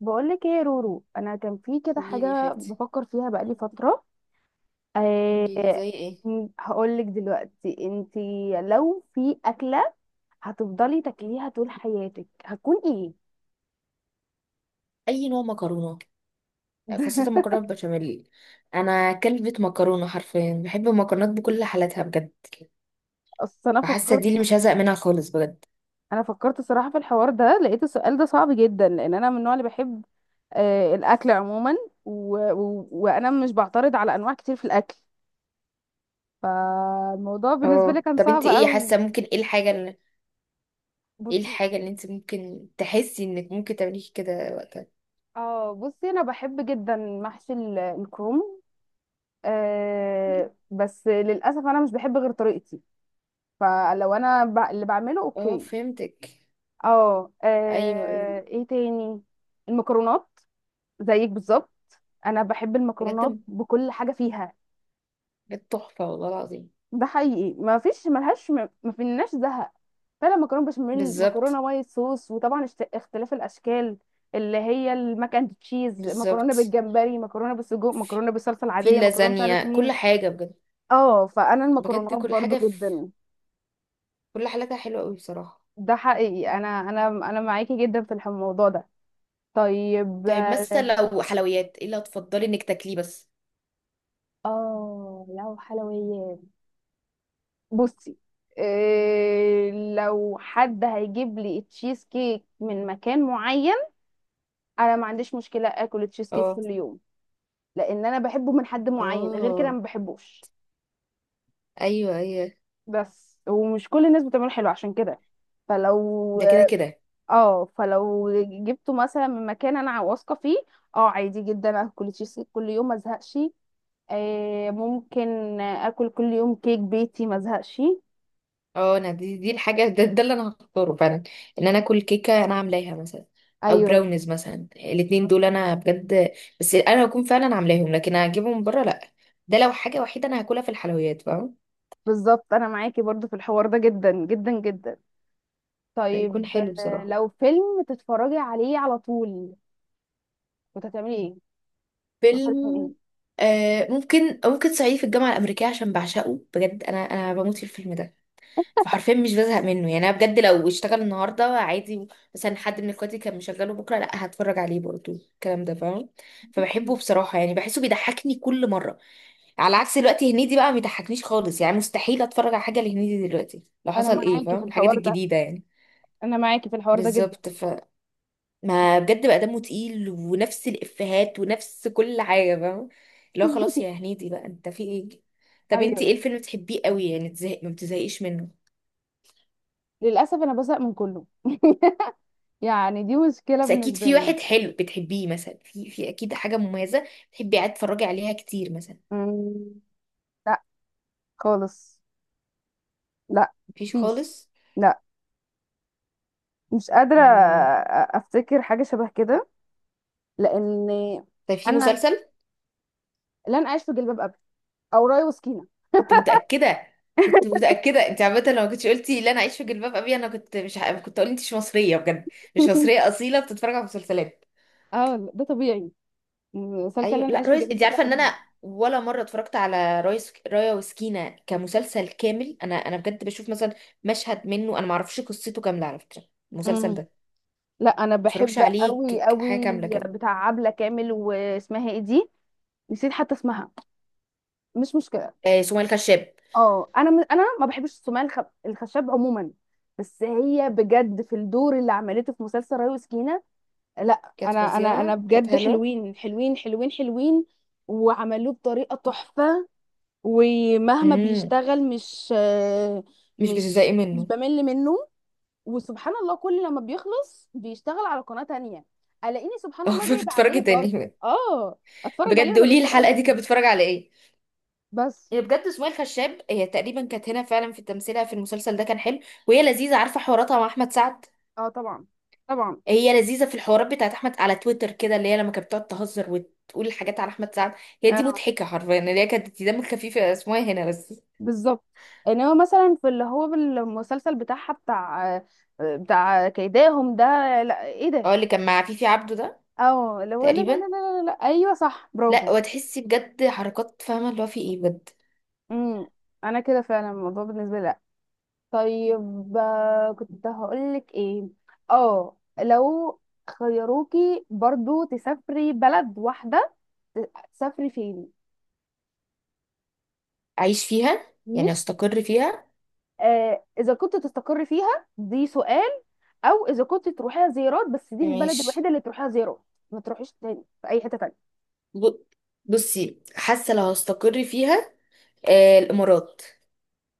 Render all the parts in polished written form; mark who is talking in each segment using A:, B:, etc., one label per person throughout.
A: بقولك ايه يا رورو، انا كان في كده
B: قولي لي يا
A: حاجه
B: حبيبتي.
A: بفكر فيها بقالي فتره.
B: قولي لي
A: أه.
B: زي ايه؟
A: هقولك دلوقتي. انتي لو في اكله هتفضلي تاكليها طول حياتك هتكون ايه؟
B: اي نوع مكرونه، خاصه المكرونه بالبشاميل. انا كلبة مكرونه، حرفيا بحب المكرونات بكل حالاتها بجد.
A: اصل انا
B: فحاسه
A: فكرت
B: دي اللي مش هزهق منها خالص بجد.
A: انا فكرت صراحه في الحوار ده، لقيت السؤال ده صعب جدا لان انا من النوع اللي بحب الاكل عموما، وانا مش بعترض على انواع كتير في الاكل. فالموضوع بالنسبه لي
B: اه،
A: كان
B: طب
A: صعب
B: انت ايه
A: قوي.
B: حاسه، ممكن ايه
A: بصي.
B: الحاجه اللي انت ممكن تحسي انك ممكن تعمليه كده وقتها؟
A: اه، بصي، انا بحب جدا محشي الكروم. بس للاسف انا مش بحب غير طريقتي. فلو انا، اللي بعمله
B: اه،
A: اوكي.
B: فهمتك.
A: اه،
B: ايوه، ايوه.
A: ايه تاني؟ المكرونات. زيك بالظبط، انا بحب المكرونات
B: بجد،
A: بكل حاجه فيها.
B: بجد تحفه والله العظيم.
A: ده حقيقي، ما فيش، ملهاش، ما فيناش زهق. فعلا مكرونه بشاميل،
B: بالظبط.
A: مكرونه وايت صوص، وطبعا اختلاف الاشكال، اللي هي الماك اند تشيز، مكرونه
B: بالظبط.
A: بالجمبري، مكرونه بالسجق،
B: في
A: مكرونه بالصلصه
B: في
A: العاديه، مكرونه مش عارف
B: اللازانيا،
A: مين.
B: كل حاجه بجد.
A: اه، فانا
B: بجد،
A: المكرونات
B: كل
A: برضو
B: حاجه في
A: جدا.
B: كل حالاتها حلوه قوي بصراحه.
A: ده حقيقي، انا معاكي جدا في الموضوع ده. طيب.
B: طيب مثلا لو حلويات، ايه اللي هتفضلي انك تاكليه بس؟
A: اه، لو حلويات، بصي. إيه، لو حد هيجيب لي تشيز كيك من مكان معين، انا ما عنديش مشكله اكل تشيز كيك
B: اه.
A: كل يوم. لان انا بحبه من حد معين، غير كده
B: اه.
A: ما بحبوش.
B: ايوه، ايوه.
A: بس ومش كل الناس بتعمله حلو، عشان كده فلو
B: ده كده كده.
A: اه فلو جبته مثلا من مكان انا واثقه فيه. اه، عادي جدا اكل تشيز كيك كل يوم ما ازهقش. ممكن اكل كل يوم كيك بيتي ما ازهقش.
B: اه، انا دي الحاجه ده اللي انا هختاره فعلا. ان انا اكل كيكه انا عاملاها مثلا، او
A: ايوه،
B: براونيز مثلا. الاتنين دول انا بجد، بس انا هكون فعلا عاملاهم، لكن اجيبهم من بره لا. ده لو حاجه وحيده انا هاكلها في الحلويات، فاهم.
A: بالظبط. انا معاكي برضو في الحوار ده جدا جدا جدا.
B: هيكون
A: طيب،
B: حلو بصراحه.
A: لو فيلم تتفرجي عليه على طول كنت هتعملي ايه؟ تختاري
B: فيلم،
A: فيلم
B: ممكن صعيدي في الجامعة الأمريكية عشان بعشقه بجد. أنا بموت في الفيلم ده. فحرفيا مش بزهق منه يعني. انا بجد لو اشتغل النهارده عادي، مثلا حد من اخواتي كان مشغله بكره، لا هتفرج عليه برضو الكلام ده، فاهم.
A: ايه؟
B: فبحبه بصراحه، يعني بحسه بيضحكني كل مره. على عكس دلوقتي، هنيدي بقى ما بيضحكنيش خالص يعني. مستحيل اتفرج على حاجه لهنيدي دلوقتي لو
A: انا
B: حصل ايه،
A: معاكي في
B: فاهم، الحاجات
A: الحوار ده.
B: الجديده يعني.
A: انا معاكي في الحوار ده جدا.
B: بالظبط. ف ما بجد بقى دمه تقيل، ونفس الافيهات ونفس كل حاجه، فاهم. اللي هو خلاص يا هنيدي بقى انت في ايه. طب انت
A: ايوه،
B: ايه الفيلم بتحبيه قوي يعني تزهق ما بتزهقيش منه؟
A: للاسف انا بزهق من كله. يعني دي مشكله
B: بس اكيد
A: بالنسبه
B: في
A: لي.
B: واحد حلو بتحبيه مثلا، في اكيد حاجه مميزه بتحبي قاعد تتفرجي عليها كتير مثلا.
A: أمم، لا. خالص. لا.
B: مفيش
A: فيش.
B: خالص.
A: لا، مش قادره.
B: مم.
A: افتكر حاجه شبه كده، لان
B: طيب في
A: انا،
B: مسلسل.
A: لن اعيش في جلباب ابي، او راي وسكينه.
B: كنت متاكده. كنت متاكده. انت عامه لو ما كنتش قلتي لا انا اعيش في جلباب ابي، انا كنت مش ه... كنت اقول انت مش مصريه بجد. مش مصريه اصيله بتتفرج على مسلسلات.
A: اه والله، ده طبيعي. مسلسل
B: ايوه
A: لن
B: لا
A: اعيش في
B: ريس، انت
A: جلباب ابي
B: عارفه ان
A: حلو.
B: انا ولا مره اتفرجت على ريس رايا وسكينه كمسلسل كامل. انا بجد بشوف مثلا مشهد منه. انا ما اعرفش قصته كامله على فكره، المسلسل
A: امم.
B: ده.
A: لا، انا
B: ما اتفرجش
A: بحب
B: عليه
A: قوي
B: حاجه
A: قوي.
B: كامله كده.
A: بتاع عبله كامل، واسمها ايه دي؟ نسيت حتى اسمها. مش مشكله.
B: آه، سمية الخشاب.
A: اه، انا ما بحبش السماعه الخشب عموما. بس هي بجد في الدور اللي عملته في مسلسل ريا وسكينه. لا،
B: كانت
A: انا
B: فظيعة، كانت
A: بجد،
B: حلوة.
A: حلوين حلوين حلوين حلوين، وعملوه بطريقه تحفه. ومهما
B: امم
A: بيشتغل مش آه،
B: مش
A: مش
B: بتزهقي
A: مش
B: منه.
A: بمل منه. وسبحان الله كل لما بيخلص بيشتغل على قناه تانية، الاقيني سبحان
B: او
A: الله جايبه
B: بتتفرجي
A: عليه برضه.
B: تاني؟
A: اه، اتفرج عليه
B: بجد
A: وانا
B: قولي لي
A: بتسلى بقى من
B: الحلقه دي كانت
A: أهلي.
B: بتتفرج على ايه.
A: بس.
B: هي بجد سمية الخشاب، هي تقريبا كانت هنا فعلا في تمثيلها في المسلسل ده، كان حلو. وهي لذيذه، عارفه حواراتها مع احمد سعد.
A: اه، طبعا طبعا.
B: هي لذيذه في الحوارات بتاعت احمد على تويتر كده، اللي هي لما كانت بتقعد تهزر وتقول حاجات على احمد سعد. هي دي
A: آه.
B: مضحكه حرفيا، اللي هي كانت دم خفيفه، اسمها إيه هنا بس.
A: بالظبط. يعني هو مثلا في، اللي هو المسلسل بتاعها، بتاع كيداهم ده. لا، ايه ده؟
B: اه، اللي كان مع فيفي عبده ده،
A: اه، اللي هو، لا لا لا
B: تقريبا.
A: لا لا لا، ايوه، صح،
B: لا
A: برافو.
B: وتحسي بجد حركات، فاهمه اللي هو في ايه بجد.
A: امم انا كده فعلا الموضوع بالنسبه لي لا. طيب، كنت هقول لك ايه، اه، لو خيروكي برضو تسافري بلد واحده، تسافري فين؟
B: أعيش فيها يعني،
A: مش،
B: أستقر فيها.
A: اذا كنت تستقر فيها، دي سؤال، او اذا كنت تروحيها زيارات بس، دي البلد
B: ماشي.
A: الوحيده اللي تروحيها زيارات، ما تروحيش تاني في اي حته تانية.
B: ب- بصي، حاسة لو هستقر فيها، الإمارات.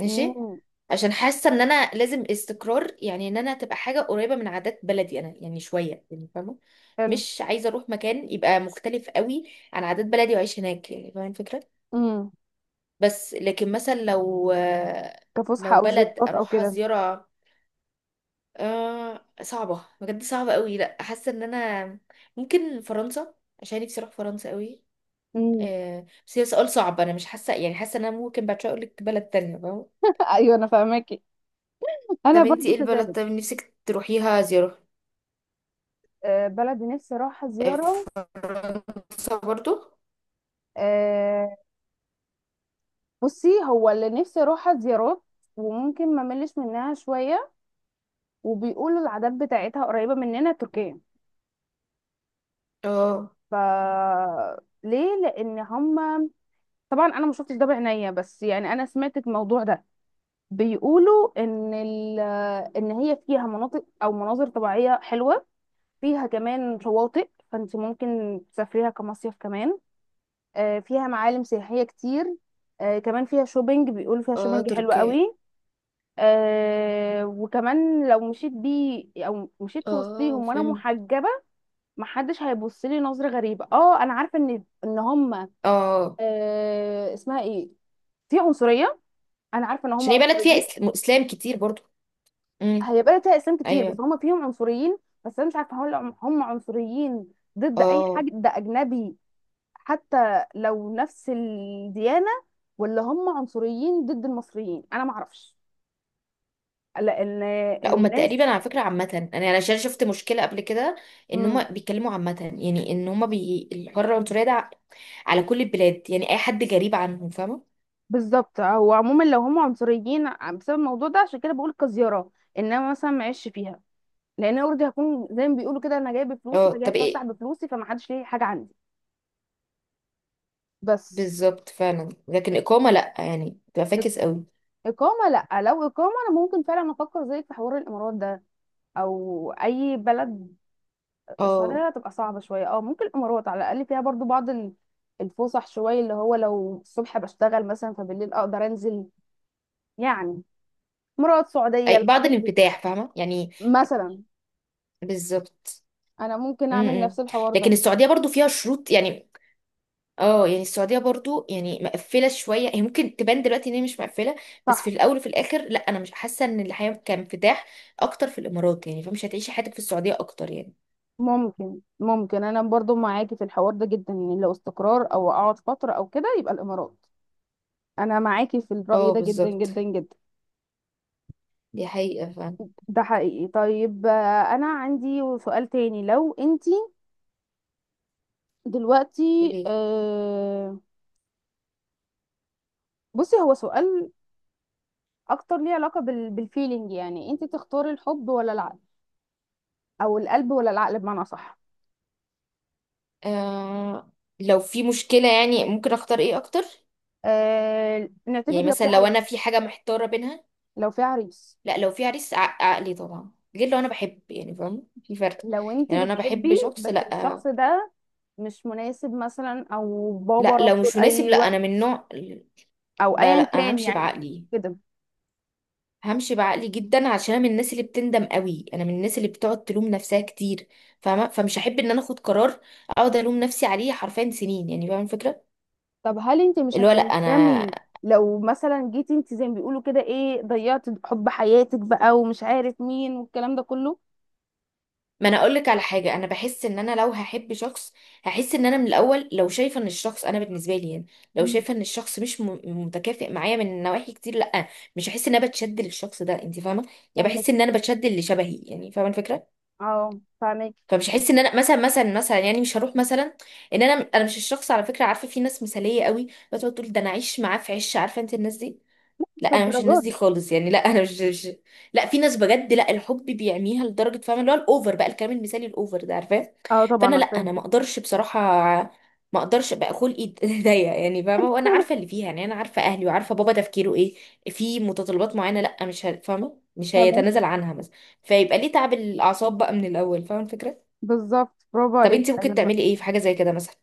B: ماشي.
A: امم.
B: عشان حاسة إن أنا لازم استقرار، يعني إن أنا تبقى حاجة قريبة من عادات بلدي أنا، يعني شوية يعني فاهمة.
A: حلو.
B: مش عايزة أروح مكان يبقى مختلف قوي عن عادات بلدي وأعيش هناك، يعني فاهمة الفكرة.
A: امم
B: بس لكن مثلا لو
A: كفسحة
B: لو
A: أو
B: بلد
A: زيارات أو
B: أروحها
A: كده.
B: زيارة، صعبة بجد، صعبة قوي. لا حاسة ان انا ممكن فرنسا عشان نفسي اروح فرنسا قوي.
A: امم.
B: بس هي سؤال صعب. انا مش حاسة يعني، حاسة ان انا ممكن بعد شوية اقول لك بلد تانية، فاهمة؟
A: ايوه، انا فاهماكي. انا
B: طب انتي
A: برضو
B: ايه البلد
A: كذلك.
B: طب نفسك تروحيها زيارة؟
A: بلد نفسي اروحها
B: آه،
A: زياره.
B: فرنسا برضو.
A: آه، بصي، هو اللي نفسي اروحها زيارات وممكن ما ملش منها شويه، وبيقولوا العادات بتاعتها قريبه مننا، تركيا.
B: اه،
A: ف، ليه؟ لان هم، طبعا انا ما شفتش ده بعينيا، بس يعني انا سمعت الموضوع ده، بيقولوا ان ان هي فيها مناطق او مناظر طبيعيه حلوه، فيها كمان شواطئ، فانت ممكن تسافريها كمصيف كمان. فيها معالم سياحيه كتير. كمان فيها شوبينج، بيقولوا فيها
B: اه،
A: شوبينج حلو
B: تركيا.
A: قوي. وكمان لو مشيت بيه او مشيت في
B: اه
A: وسطيهم وانا
B: فهمت.
A: محجبه، محدش هيبص لي نظره غريبه. اه، انا عارفه ان هم،
B: اه،
A: اسمها ايه، في عنصريه. انا عارفه ان هم
B: عشان هي بلد فيها
A: عنصريين.
B: اسلام كتير برضو. امم.
A: هيبقى لها اسلام كتير بس
B: ايوه.
A: هم فيهم عنصريين. بس انا مش عارفه هل هم عنصريين ضد اي حاجه،
B: اه،
A: ده اجنبي حتى لو نفس الديانه، ولا هم عنصريين ضد المصريين؟ انا ما اعرفش، لان
B: لا هما
A: الناس،
B: تقريبا على فكرة عامة، انا يعني عشان شفت مشكلة قبل كده، ان هما
A: امم.
B: بيتكلموا عامة، يعني ان هما الحرة العنصرية ده على كل البلاد، يعني اي حد جريب عنهم فاهمة.
A: بالظبط، هو عموما لو هم عنصريين بسبب الموضوع ده، عشان كده بقول كزياره. انما مثلا ما عيش فيها، لان انا اوريدي هكون زي ما بيقولوا كده، انا جايه بفلوسي،
B: اه،
A: فجايه
B: طب
A: اتفسح
B: ايه؟
A: بفلوسي، فما حدش ليه حاجه عندي. بس
B: بالظبط فعلا، لكن إقامة لا يعني، بتبقى فاكس قوي.
A: إقامة لأ. لو إقامة أنا ممكن فعلا أفكر زيك في حوار الإمارات ده، أو أي بلد.
B: اه،
A: السعودية هتبقى صعبة شوية. ممكن الإمارات على الأقل فيها برضو بعض الفسح شوية، اللي هو لو الصبح بشتغل مثلا فبالليل أقدر أنزل. يعني إمارات، سعودية،
B: بعض
A: الحاجات دي
B: الانفتاح فاهمة يعني.
A: مثلا
B: بالظبط.
A: أنا ممكن أعمل
B: م- م.
A: نفس الحوار
B: لكن
A: ده.
B: السعودية برضو فيها شروط يعني. اه يعني السعودية برضو يعني مقفلة شوية، هي ممكن تبان دلوقتي ان هي مش مقفلة، بس في
A: صح،
B: الاول وفي الاخر لا انا مش حاسة ان الحياة كانفتاح اكتر في الامارات، يعني فمش هتعيشي حياتك في السعودية اكتر يعني.
A: ممكن أنا برضو معاكي في الحوار ده جدا. يعني لو استقرار أو أقعد فترة أو كده، يبقى الإمارات. أنا معاكي في الرأي
B: اه
A: ده جدا
B: بالظبط،
A: جدا جدا.
B: دي حقيقة فعلا.
A: ده حقيقي. طيب، انا عندي سؤال تاني. لو انتي دلوقتي،
B: ليه؟
A: بصي، هو سؤال اكتر ليه علاقة بالفيلينج، يعني انتي تختاري الحب ولا العقل، او القلب ولا العقل، بمعنى صح؟
B: آه لو في مشكلة يعني، ممكن اختار ايه اكتر؟
A: نعتبر
B: يعني
A: لو
B: مثلا
A: في
B: لو انا
A: عريس
B: في حاجة محتارة بينها.
A: لو في عريس
B: لا لو في عريس عقلي طبعا، غير لو انا بحب يعني، فاهم في فرق.
A: لو انتي
B: يعني انا بحب
A: بتحبي
B: شخص،
A: بس
B: لا.
A: الشخص ده مش مناسب مثلا، او بابا
B: لا لو
A: رفضه
B: مش مناسب
A: لاي
B: لا، انا
A: وقت،
B: من نوع.
A: او
B: لا، لا،
A: ايا
B: انا
A: كان،
B: همشي
A: يعني
B: بعقلي.
A: كده.
B: همشي بعقلي جدا، عشان انا من الناس اللي بتندم قوي، انا من الناس اللي بتقعد تلوم نفسها كتير فاهمه. فمش هحب ان انا اخد قرار اقعد الوم نفسي عليه حرفيا سنين، يعني فاهمه الفكره.
A: طب هل انت مش
B: اللي هو لا انا،
A: هتندمي لو مثلا جيتي انت زي ما بيقولوا كده، ايه ضيعتي حب حياتك بقى ومش عارف مين والكلام ده كله؟
B: ما انا اقول لك على حاجه، انا بحس ان انا لو هحب شخص هحس ان انا من الاول لو شايفه ان الشخص، انا بالنسبه لي يعني، لو
A: مم.
B: شايفه ان الشخص مش متكافئ معايا من نواحي كتير، لا. مش هحس ان انا بتشد للشخص ده، انت فاهمه. يعني
A: فاهمك.
B: بحس ان انا بتشد اللي شبهي، يعني فاهمه الفكره.
A: اه، فاهمك.
B: فمش هحس ان انا مثلا مثلا مثلا يعني مش هروح مثلا. ان انا مش الشخص، على فكره. عارفه في ناس مثاليه قوي بتقعد تقول، ده انا عايش معاه في عش، عارفه انت الناس دي.
A: لا،
B: لا
A: مش
B: انا مش الناس
A: للدرجه دي.
B: دي خالص يعني، لا انا مش. لا في ناس بجد، لا الحب بيعميها لدرجه فاهمه، اللي هو الاوفر بقى الكلام المثالي الاوفر ده عارفاه.
A: اه، طبعا،
B: فانا لا
A: أنا
B: انا
A: فاهم.
B: ما اقدرش بصراحه. ما اقدرش بقى، خلقي ضيق يعني فاهمه. وانا عارفه اللي فيها يعني، انا عارفه اهلي وعارفه بابا تفكيره ايه. في متطلبات معينه، لا مش ه- فاهمه مش
A: فاهمك.
B: هيتنازل عنها مثلا. فيبقى ليه تعب الاعصاب بقى من الاول، فاهمه الفكره.
A: بالظبط، برافو
B: طب
A: عليك.
B: انت ممكن
A: ايوه.
B: تعملي ايه في حاجه زي كده مثلا؟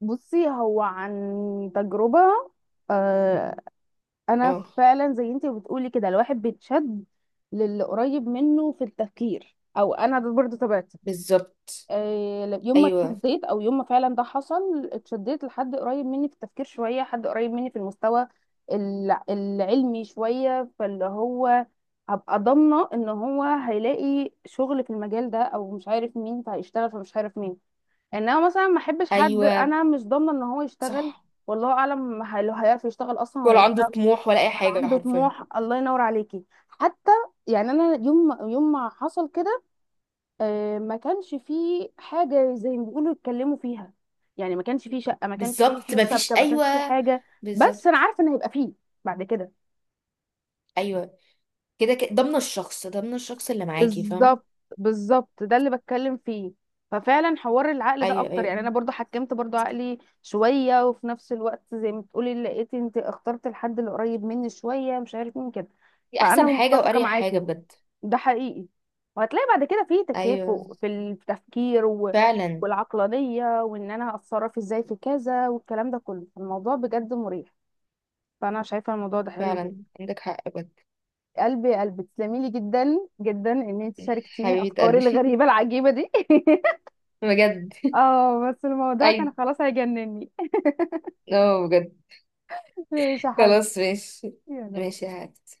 A: بصي، هو عن تجربه. آه انا
B: اه
A: فعلا زي انت بتقولي كده، الواحد بيتشد للي قريب منه في التفكير، او انا ده برضه تبعتي.
B: بالظبط.
A: يوم ما
B: ايوه،
A: اتشديت، او يوم ما فعلا ده حصل، اتشديت لحد قريب مني في التفكير شويه، حد قريب مني في المستوى العلمي شويه، فاللي هو هبقى ضامنه ان هو هيلاقي شغل في المجال ده او مش عارف مين، فهيشتغل فمش عارف مين. انما مثلا ما احبش حد
B: ايوه
A: انا مش ضامنه ان هو يشتغل،
B: صح.
A: والله اعلم هيعرف يشتغل اصلا ولا
B: ولا عنده
A: لا.
B: طموح ولا اي
A: ولا
B: حاجه
A: عنده
B: حرفيا.
A: طموح، الله ينور عليكي. حتى يعني انا يوم ما حصل كده، ما كانش فيه حاجة زي ما بيقولوا يتكلموا فيها. يعني ما كانش فيه شقة، ما كانش فيه
B: بالظبط
A: فلوس شبكة،
B: مفيش،
A: ما كانش فيه
B: ايوه.
A: حاجة. بس أنا
B: بالظبط.
A: عارفة إن هيبقى فيه بعد كده.
B: ايوه كده كده ضمن الشخص، ضمن الشخص اللي معاكي فاهمه.
A: بالظبط. بالظبط، ده اللي بتكلم فيه. ففعلا حوار العقل ده
B: ايوه،
A: اكتر.
B: ايوه
A: يعني انا
B: فاهمة.
A: برضو حكمت برضو عقلي شويه، وفي نفس الوقت زي ما بتقولي لقيت، انت اخترت الحد اللي قريب مني شويه، مش عارف مين كده.
B: دي
A: فانا
B: احسن حاجه
A: متفقه
B: واريح حاجه
A: معاكي.
B: بجد.
A: ده حقيقي. وهتلاقي بعد كده في
B: ايوه
A: تكافؤ في التفكير،
B: فعلا.
A: والعقلانية، وان انا هتصرف ازاي في كذا والكلام ده كله، الموضوع بجد مريح. فانا شايفة الموضوع ده حلو
B: فعلا
A: جدا.
B: عندك حق بجد.
A: قلبي، يا قلبي، تسلمي لي جدا جدا ان انت شاركتيني
B: حبيبه
A: افكاري
B: قلبي.
A: الغريبة العجيبة دي.
B: بجد.
A: اه بس الموضوع
B: ايوه،
A: كان خلاص هيجنني.
B: اه بجد.
A: ماشي يا حبيبي.
B: خلاص ماشي. ماشي يا
A: يلا.
B: حبيبتي.